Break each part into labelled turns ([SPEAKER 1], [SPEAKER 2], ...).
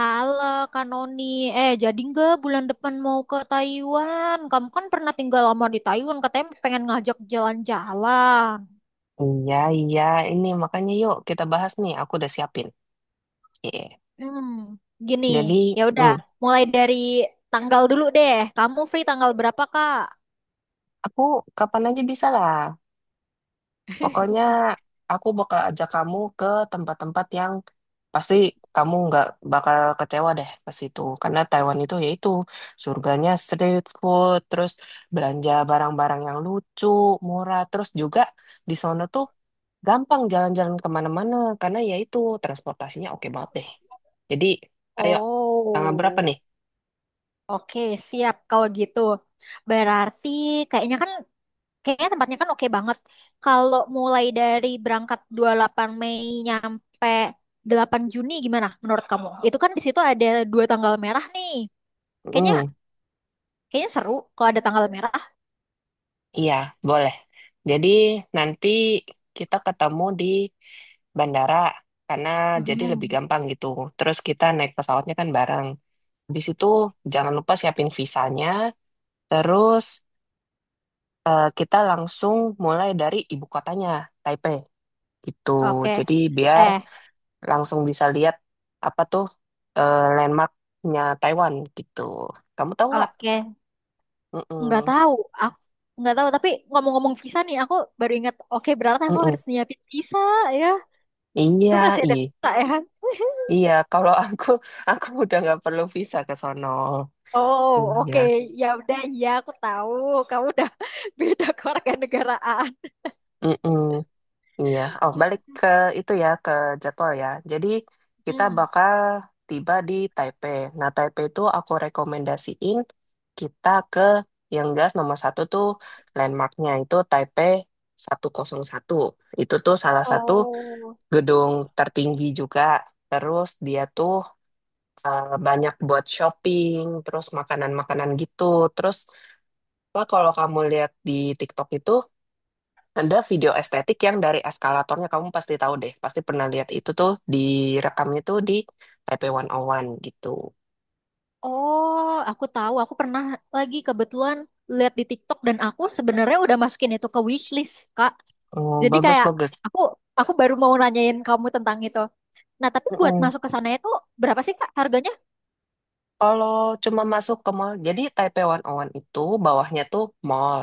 [SPEAKER 1] Halo Kak Noni, eh jadi nggak bulan depan mau ke Taiwan? Kamu kan pernah tinggal lama di Taiwan, katanya pengen ngajak jalan-jalan.
[SPEAKER 2] Iya, iya, ini makanya yuk kita bahas nih. Aku udah siapin. Iya.
[SPEAKER 1] Hmm, gini,
[SPEAKER 2] Jadi,
[SPEAKER 1] ya udah,
[SPEAKER 2] mm,
[SPEAKER 1] mulai dari tanggal dulu deh. Kamu free tanggal berapa Kak?
[SPEAKER 2] aku kapan aja bisa lah. Pokoknya aku bakal ajak kamu ke tempat-tempat yang pasti kamu nggak bakal kecewa deh ke situ. Karena Taiwan itu yaitu surganya street food, terus belanja barang-barang yang lucu, murah, terus juga di sana tuh gampang jalan-jalan kemana-mana karena yaitu transportasinya oke banget deh. Jadi, ayo tanggal berapa
[SPEAKER 1] Oh,
[SPEAKER 2] nih?
[SPEAKER 1] oke, siap kalau gitu. Berarti kayaknya kan Kayaknya tempatnya kan oke banget. Kalau mulai dari berangkat 28 Mei nyampe 8 Juni gimana menurut kamu? Itu kan di situ ada dua tanggal merah nih. Kayaknya
[SPEAKER 2] Mm,
[SPEAKER 1] kayaknya seru kalau ada tanggal merah.
[SPEAKER 2] iya, boleh. Jadi nanti kita ketemu di bandara karena jadi lebih
[SPEAKER 1] Mm-mm.
[SPEAKER 2] gampang gitu. Terus kita naik pesawatnya kan bareng. Habis itu jangan lupa siapin visanya. Terus kita langsung mulai dari ibu kotanya, Taipei. Gitu.
[SPEAKER 1] Oke.
[SPEAKER 2] Jadi biar
[SPEAKER 1] Eh,
[SPEAKER 2] langsung bisa lihat apa tuh landmarknya Taiwan gitu. Kamu tahu nggak?
[SPEAKER 1] oke. Nggak
[SPEAKER 2] Mm-mm.
[SPEAKER 1] tahu. Aku nggak tahu, tapi ngomong-ngomong visa nih aku baru ingat. Oke, berarti aku
[SPEAKER 2] Mm-mm.
[SPEAKER 1] harus nyiapin visa ya. Itu
[SPEAKER 2] Iya.
[SPEAKER 1] masih ada visa ya kan?
[SPEAKER 2] Iya, kalau aku udah nggak perlu visa ke sono.
[SPEAKER 1] Oh, oke.
[SPEAKER 2] Iya.
[SPEAKER 1] Ya udah, ya aku tahu. Kamu udah beda kewarganegaraan.
[SPEAKER 2] Mm-mm. Iya. Oh, balik ke itu ya ke jadwal ya. Jadi kita
[SPEAKER 1] Hmm.
[SPEAKER 2] bakal tiba di Taipei. Nah, Taipei itu aku rekomendasiin kita ke yang jelas nomor satu tuh landmarknya itu Taipei 101. Itu tuh salah satu
[SPEAKER 1] Oh.
[SPEAKER 2] gedung tertinggi juga. Terus dia tuh banyak buat shopping, terus makanan-makanan gitu. Terus Pak, kalau kamu lihat di TikTok itu ada video estetik yang dari eskalatornya kamu pasti tahu deh, pasti pernah lihat itu tuh direkamnya tuh di Taipei 101 gitu.
[SPEAKER 1] Oh, aku tahu. Aku pernah lagi kebetulan lihat di TikTok dan aku sebenarnya udah masukin itu ke wishlist, Kak.
[SPEAKER 2] Oh,
[SPEAKER 1] Jadi
[SPEAKER 2] bagus
[SPEAKER 1] kayak
[SPEAKER 2] bagus.
[SPEAKER 1] aku aku baru mau nanyain kamu tentang itu. Nah, tapi buat
[SPEAKER 2] Mm-mm.
[SPEAKER 1] masuk ke sana itu berapa sih, Kak, harganya?
[SPEAKER 2] Kalau cuma masuk ke mall, jadi Taipei 101 itu bawahnya tuh mall.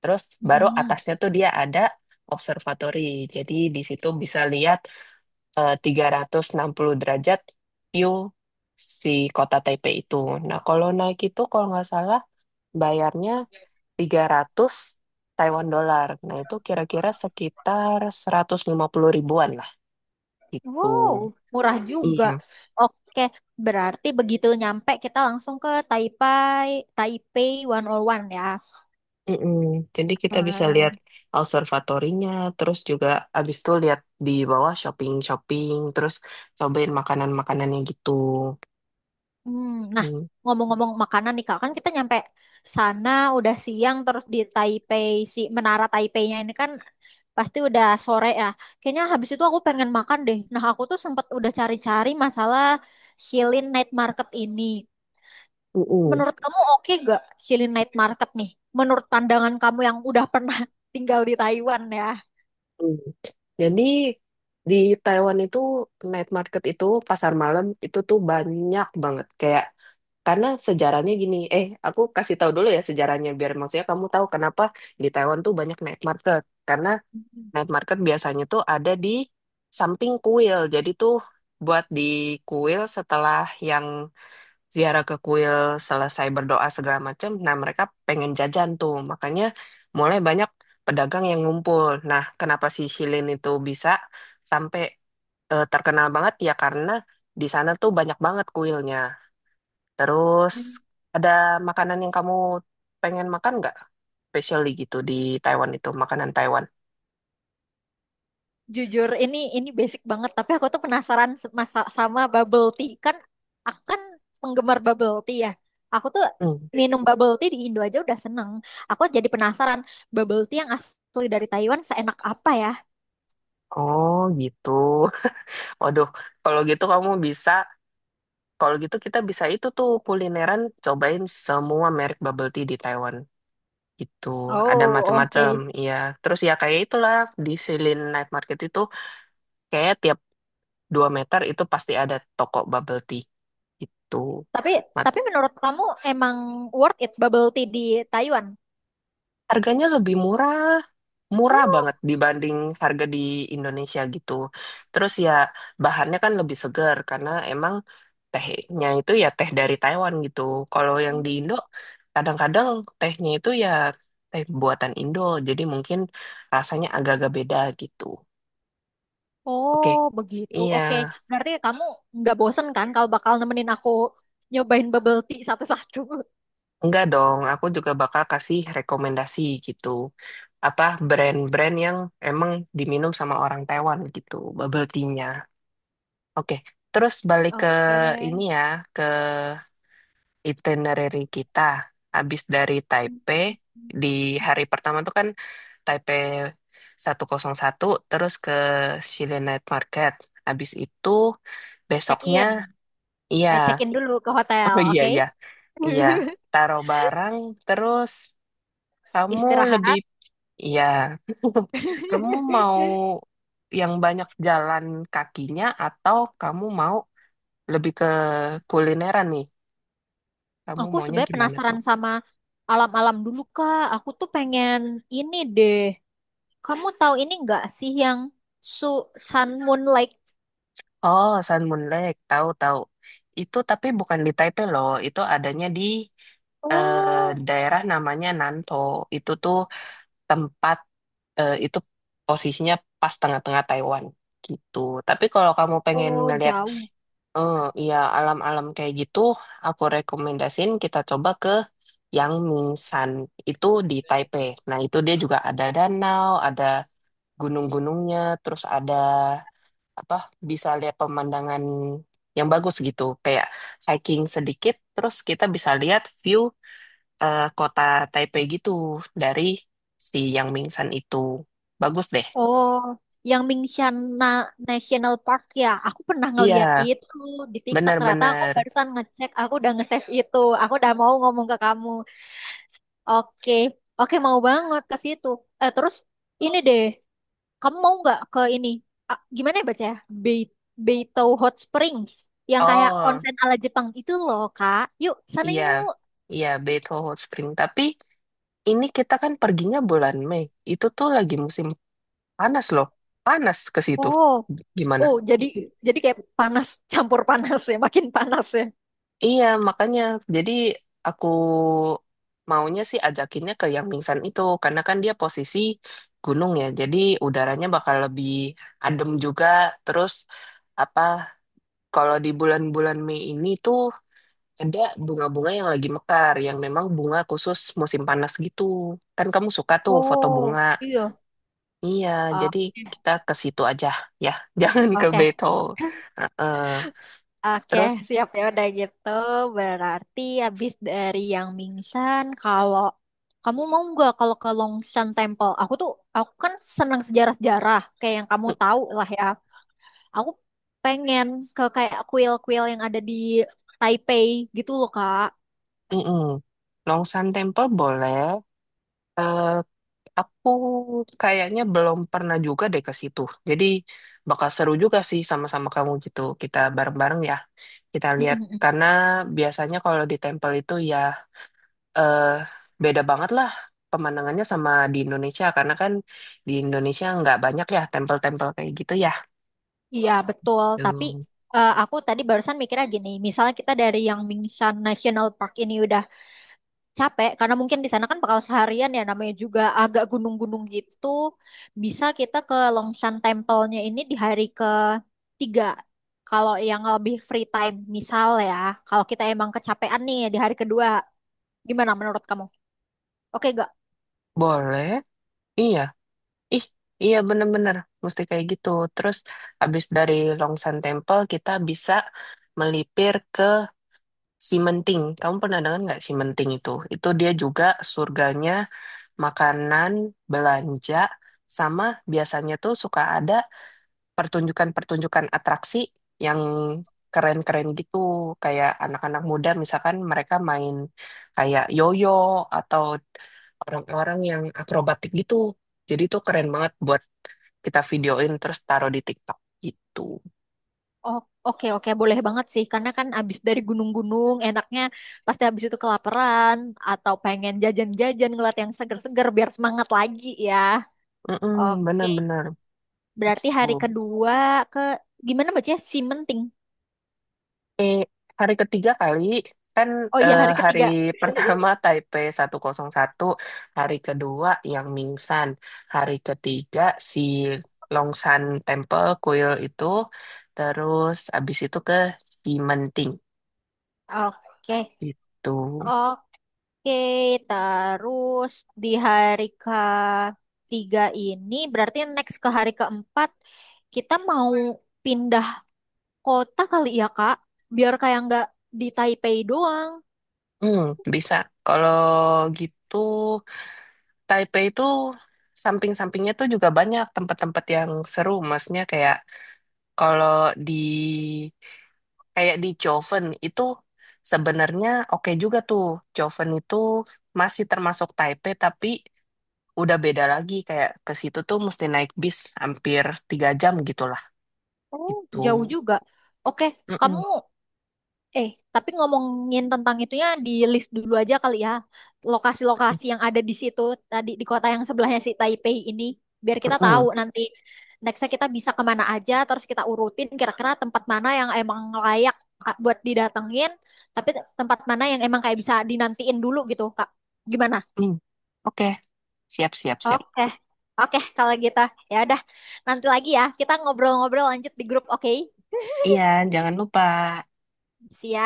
[SPEAKER 2] Terus baru
[SPEAKER 1] Hmm.
[SPEAKER 2] atasnya tuh dia ada observatory. Jadi di situ bisa lihat 360 derajat view si kota Taipei itu. Nah, kalau naik itu kalau nggak salah bayarnya 300 Taiwan dolar. Nah, itu kira-kira sekitar 150 ribuan lah gitu.
[SPEAKER 1] Wow, murah juga.
[SPEAKER 2] Iya.
[SPEAKER 1] Oke, berarti begitu nyampe kita langsung ke Taipei, Taipei 101 ya.
[SPEAKER 2] Mm-mm. Jadi kita bisa lihat
[SPEAKER 1] Hmm.
[SPEAKER 2] observatorinya, terus juga abis itu lihat di bawah shopping-shopping, terus cobain makanan-makanannya gitu.
[SPEAKER 1] Hmm, nah,
[SPEAKER 2] Mm.
[SPEAKER 1] ngomong-ngomong makanan nih Kak, kan kita nyampe sana udah siang terus di Taipei si Menara Taipei-nya ini kan pasti udah sore ya. Kayaknya habis itu aku pengen makan deh. Nah, aku tuh sempet udah cari-cari masalah Shilin Night Market ini.
[SPEAKER 2] Mm-mm.
[SPEAKER 1] Menurut kamu oke gak Shilin Night Market nih? Menurut pandangan kamu yang udah pernah tinggal di Taiwan ya.
[SPEAKER 2] Mm. Jadi di Taiwan itu night market itu pasar malam itu tuh banyak banget. Kayak karena sejarahnya gini, aku kasih tahu dulu ya sejarahnya biar maksudnya kamu tahu kenapa di Taiwan tuh banyak night market. Karena night market biasanya tuh ada di samping kuil. Jadi tuh buat di kuil setelah yang ziarah ke kuil selesai berdoa segala macam, nah mereka pengen jajan tuh. Makanya mulai banyak pedagang yang ngumpul. Nah, kenapa si Shilin itu bisa sampai terkenal banget ya karena di sana tuh banyak banget kuilnya. Terus ada makanan yang kamu pengen makan nggak? Especially gitu di Taiwan itu, makanan Taiwan.
[SPEAKER 1] Jujur, ini basic banget, tapi aku tuh penasaran sama bubble tea. Kan aku kan penggemar bubble tea ya. Aku tuh
[SPEAKER 2] Hmm.
[SPEAKER 1] minum bubble tea di Indo aja udah seneng. Aku jadi penasaran bubble tea yang asli dari Taiwan seenak apa ya?
[SPEAKER 2] Oh gitu. Waduh, kalau gitu kamu bisa, kalau gitu kita bisa itu tuh kulineran cobain semua merek bubble tea di Taiwan. Itu ada
[SPEAKER 1] Oh, oke.
[SPEAKER 2] macam-macam, iya. Terus ya kayak itulah di Silin Night Market itu kayak tiap 2 meter itu pasti ada toko bubble tea. Itu.
[SPEAKER 1] Tapi tapi menurut kamu emang worth it bubble tea di Taiwan?
[SPEAKER 2] Harganya lebih murah, murah
[SPEAKER 1] Oh,
[SPEAKER 2] banget dibanding harga di Indonesia gitu. Terus ya bahannya kan lebih segar karena emang tehnya itu ya teh dari Taiwan gitu. Kalau yang di Indo
[SPEAKER 1] hmm.
[SPEAKER 2] kadang-kadang tehnya itu ya teh buatan Indo, jadi mungkin rasanya agak-agak beda gitu. Oke.
[SPEAKER 1] Oh, begitu.
[SPEAKER 2] Iya,
[SPEAKER 1] Oke, berarti kamu nggak bosen kan kalau bakal nemenin aku nyobain bubble tea satu-satu?
[SPEAKER 2] enggak dong. Aku juga bakal kasih rekomendasi gitu. Apa brand-brand yang emang diminum sama orang Taiwan gitu, bubble tea. Oke, terus balik ke ini ya, ke itinerary kita. Habis dari Taipei,
[SPEAKER 1] Oke.
[SPEAKER 2] di hari pertama tuh kan Taipei 101, terus ke Xile Night Market. Habis itu,
[SPEAKER 1] check
[SPEAKER 2] besoknya,
[SPEAKER 1] in
[SPEAKER 2] iya,
[SPEAKER 1] check in dulu ke hotel,
[SPEAKER 2] oh iya,
[SPEAKER 1] oke.
[SPEAKER 2] iya, iya, taruh barang, terus kamu lebih,
[SPEAKER 1] Istirahat.
[SPEAKER 2] iya, kamu mau yang banyak jalan kakinya atau kamu mau lebih ke kulineran nih? Kamu
[SPEAKER 1] Aku
[SPEAKER 2] maunya
[SPEAKER 1] sebenarnya
[SPEAKER 2] gimana tuh?
[SPEAKER 1] penasaran sama alam-alam dulu Kak, aku tuh pengen ini deh, kamu tahu ini nggak sih yang su Sun Moon Lake?
[SPEAKER 2] Oh, Sun Moon Lake, tahu-tahu. Itu tapi bukan di Taipei loh, itu adanya di
[SPEAKER 1] Oh.
[SPEAKER 2] daerah namanya Nanto. Itu tuh tempat itu posisinya pas tengah-tengah Taiwan gitu. Tapi kalau kamu pengen
[SPEAKER 1] Oh,
[SPEAKER 2] ngelihat
[SPEAKER 1] jauh.
[SPEAKER 2] eh ya alam-alam kayak gitu, aku rekomendasiin kita coba ke Yangmingshan. Itu di Taipei. Nah, itu dia juga ada danau, ada gunung-gunungnya, terus ada apa bisa lihat pemandangan yang bagus gitu kayak hiking sedikit terus kita bisa lihat view kota Taipei gitu dari si Yang Mingsan itu bagus deh.
[SPEAKER 1] Oh, yang Mingshan National Park ya, aku pernah ngeliat
[SPEAKER 2] Iya,
[SPEAKER 1] itu di TikTok. Ternyata aku
[SPEAKER 2] benar-benar.
[SPEAKER 1] barusan ngecek, aku udah nge-save itu, aku udah mau ngomong ke kamu. Oke. Oke, mau banget ke situ. Eh, terus ini deh, kamu mau nggak ke ini? Ah, gimana ya baca ya? Bei- Beito Hot Springs. Yang kayak
[SPEAKER 2] Oh
[SPEAKER 1] onsen ala Jepang itu loh, Kak. Yuk, sana
[SPEAKER 2] iya,
[SPEAKER 1] yuk.
[SPEAKER 2] iya, Beito Hot Spring tapi ini kita kan perginya bulan Mei itu tuh lagi musim panas loh panas ke situ
[SPEAKER 1] Oh.
[SPEAKER 2] gimana.
[SPEAKER 1] Oh, jadi kayak panas campur panas ya, makin panas ya.
[SPEAKER 2] Iya, makanya jadi aku maunya sih ajakinnya ke yang pingsan itu karena kan dia posisi gunung ya. Jadi udaranya bakal lebih adem juga. Terus apa kalau di bulan-bulan Mei ini tuh ada bunga-bunga yang lagi mekar yang memang bunga khusus musim panas gitu. Kan kamu suka tuh foto bunga.
[SPEAKER 1] Oh. Iya.
[SPEAKER 2] Iya, jadi kita ke situ aja ya. Jangan ke
[SPEAKER 1] Oke, oke,
[SPEAKER 2] Beto. Heeh.
[SPEAKER 1] oke,
[SPEAKER 2] Terus
[SPEAKER 1] siap ya udah gitu. Berarti habis dari yang Mingsan, kalau kamu mau nggak kalau ke Longshan Temple? Aku tuh, aku kan senang sejarah-sejarah, kayak yang kamu
[SPEAKER 2] mm,
[SPEAKER 1] tahu lah ya. Aku pengen ke kayak kuil-kuil yang ada di Taipei gitu loh, Kak.
[SPEAKER 2] mm-mm. Longsan Temple boleh. Eh, aku kayaknya belum pernah juga deh ke situ. Jadi bakal seru juga sih sama-sama kamu gitu. Kita bareng-bareng ya. Kita lihat karena biasanya kalau di temple itu ya eh beda banget lah pemandangannya sama di Indonesia karena kan di Indonesia nggak banyak ya temple tempel kayak gitu ya.
[SPEAKER 1] Iya, betul. Tapi
[SPEAKER 2] Tuh.
[SPEAKER 1] eh, aku tadi barusan mikirnya gini, misalnya kita dari yang Mingshan National Park ini udah capek, karena mungkin di sana kan bakal seharian ya, namanya juga agak gunung-gunung gitu. Bisa kita ke Longshan Temple-nya ini di hari ketiga. Kalau yang lebih free time, misal ya, kalau kita emang kecapean nih di hari kedua, gimana menurut kamu? Oke.
[SPEAKER 2] Boleh. Iya. Ih, iya bener-bener mesti kayak gitu. Terus abis dari Long Temple kita bisa melipir ke Simenting, kamu pernah dengar nggak Simenting itu? Itu dia juga surganya makanan, belanja, sama biasanya tuh suka ada pertunjukan-pertunjukan atraksi yang keren-keren gitu. Kayak anak-anak muda misalkan mereka main kayak yoyo atau orang-orang yang akrobatik gitu. Jadi itu keren banget buat kita videoin terus taruh di TikTok gitu.
[SPEAKER 1] Oh, oke, oke, boleh banget sih, karena kan abis dari gunung-gunung enaknya pasti abis itu kelaparan atau pengen jajan-jajan ngeliat yang seger-seger biar semangat lagi ya.
[SPEAKER 2] Mm-mm,
[SPEAKER 1] Oke,
[SPEAKER 2] benar-benar.
[SPEAKER 1] berarti
[SPEAKER 2] Gitu.
[SPEAKER 1] hari kedua ke, gimana bacanya, Simenting.
[SPEAKER 2] Eh, Hari ketiga kali kan
[SPEAKER 1] Oh iya, hari
[SPEAKER 2] hari
[SPEAKER 1] ketiga.
[SPEAKER 2] pertama Taipei 101 hari kedua yang Mingsan, hari ketiga si Longshan Temple kuil itu, terus abis itu ke Simenting
[SPEAKER 1] Oke.
[SPEAKER 2] gitu.
[SPEAKER 1] Oke, terus di hari ketiga ini berarti next ke hari keempat kita mau pindah kota kali ya, Kak, biar kayak nggak di Taipei doang.
[SPEAKER 2] Hmm, bisa. Kalau gitu Taipei itu samping-sampingnya tuh juga banyak tempat-tempat yang seru, maksudnya kayak kalau di Kayak di Joven itu sebenarnya oke juga tuh. Joven itu masih termasuk Taipei tapi udah beda lagi. Kayak ke situ tuh mesti naik bis hampir 3 jam gitulah.
[SPEAKER 1] Oh,
[SPEAKER 2] Itu.
[SPEAKER 1] jauh juga. Oke, kamu,
[SPEAKER 2] Mm-mm,
[SPEAKER 1] eh tapi ngomongin tentang itunya di list dulu aja kali ya. Lokasi-lokasi yang ada di situ tadi di kota yang sebelahnya si Taipei ini, biar kita
[SPEAKER 2] mm-mm,
[SPEAKER 1] tahu
[SPEAKER 2] mm.
[SPEAKER 1] nanti nextnya kita bisa kemana aja, terus kita urutin kira-kira tempat mana yang emang layak Kak, buat didatengin, tapi tempat mana yang emang kayak bisa dinantiin dulu gitu Kak. Gimana?
[SPEAKER 2] Oke. Siap, siap, siap.
[SPEAKER 1] Oke. Oke, kalau gitu ya udah nanti lagi ya kita ngobrol-ngobrol lanjut di grup, oke?
[SPEAKER 2] Iya, jangan lupa.
[SPEAKER 1] Siap.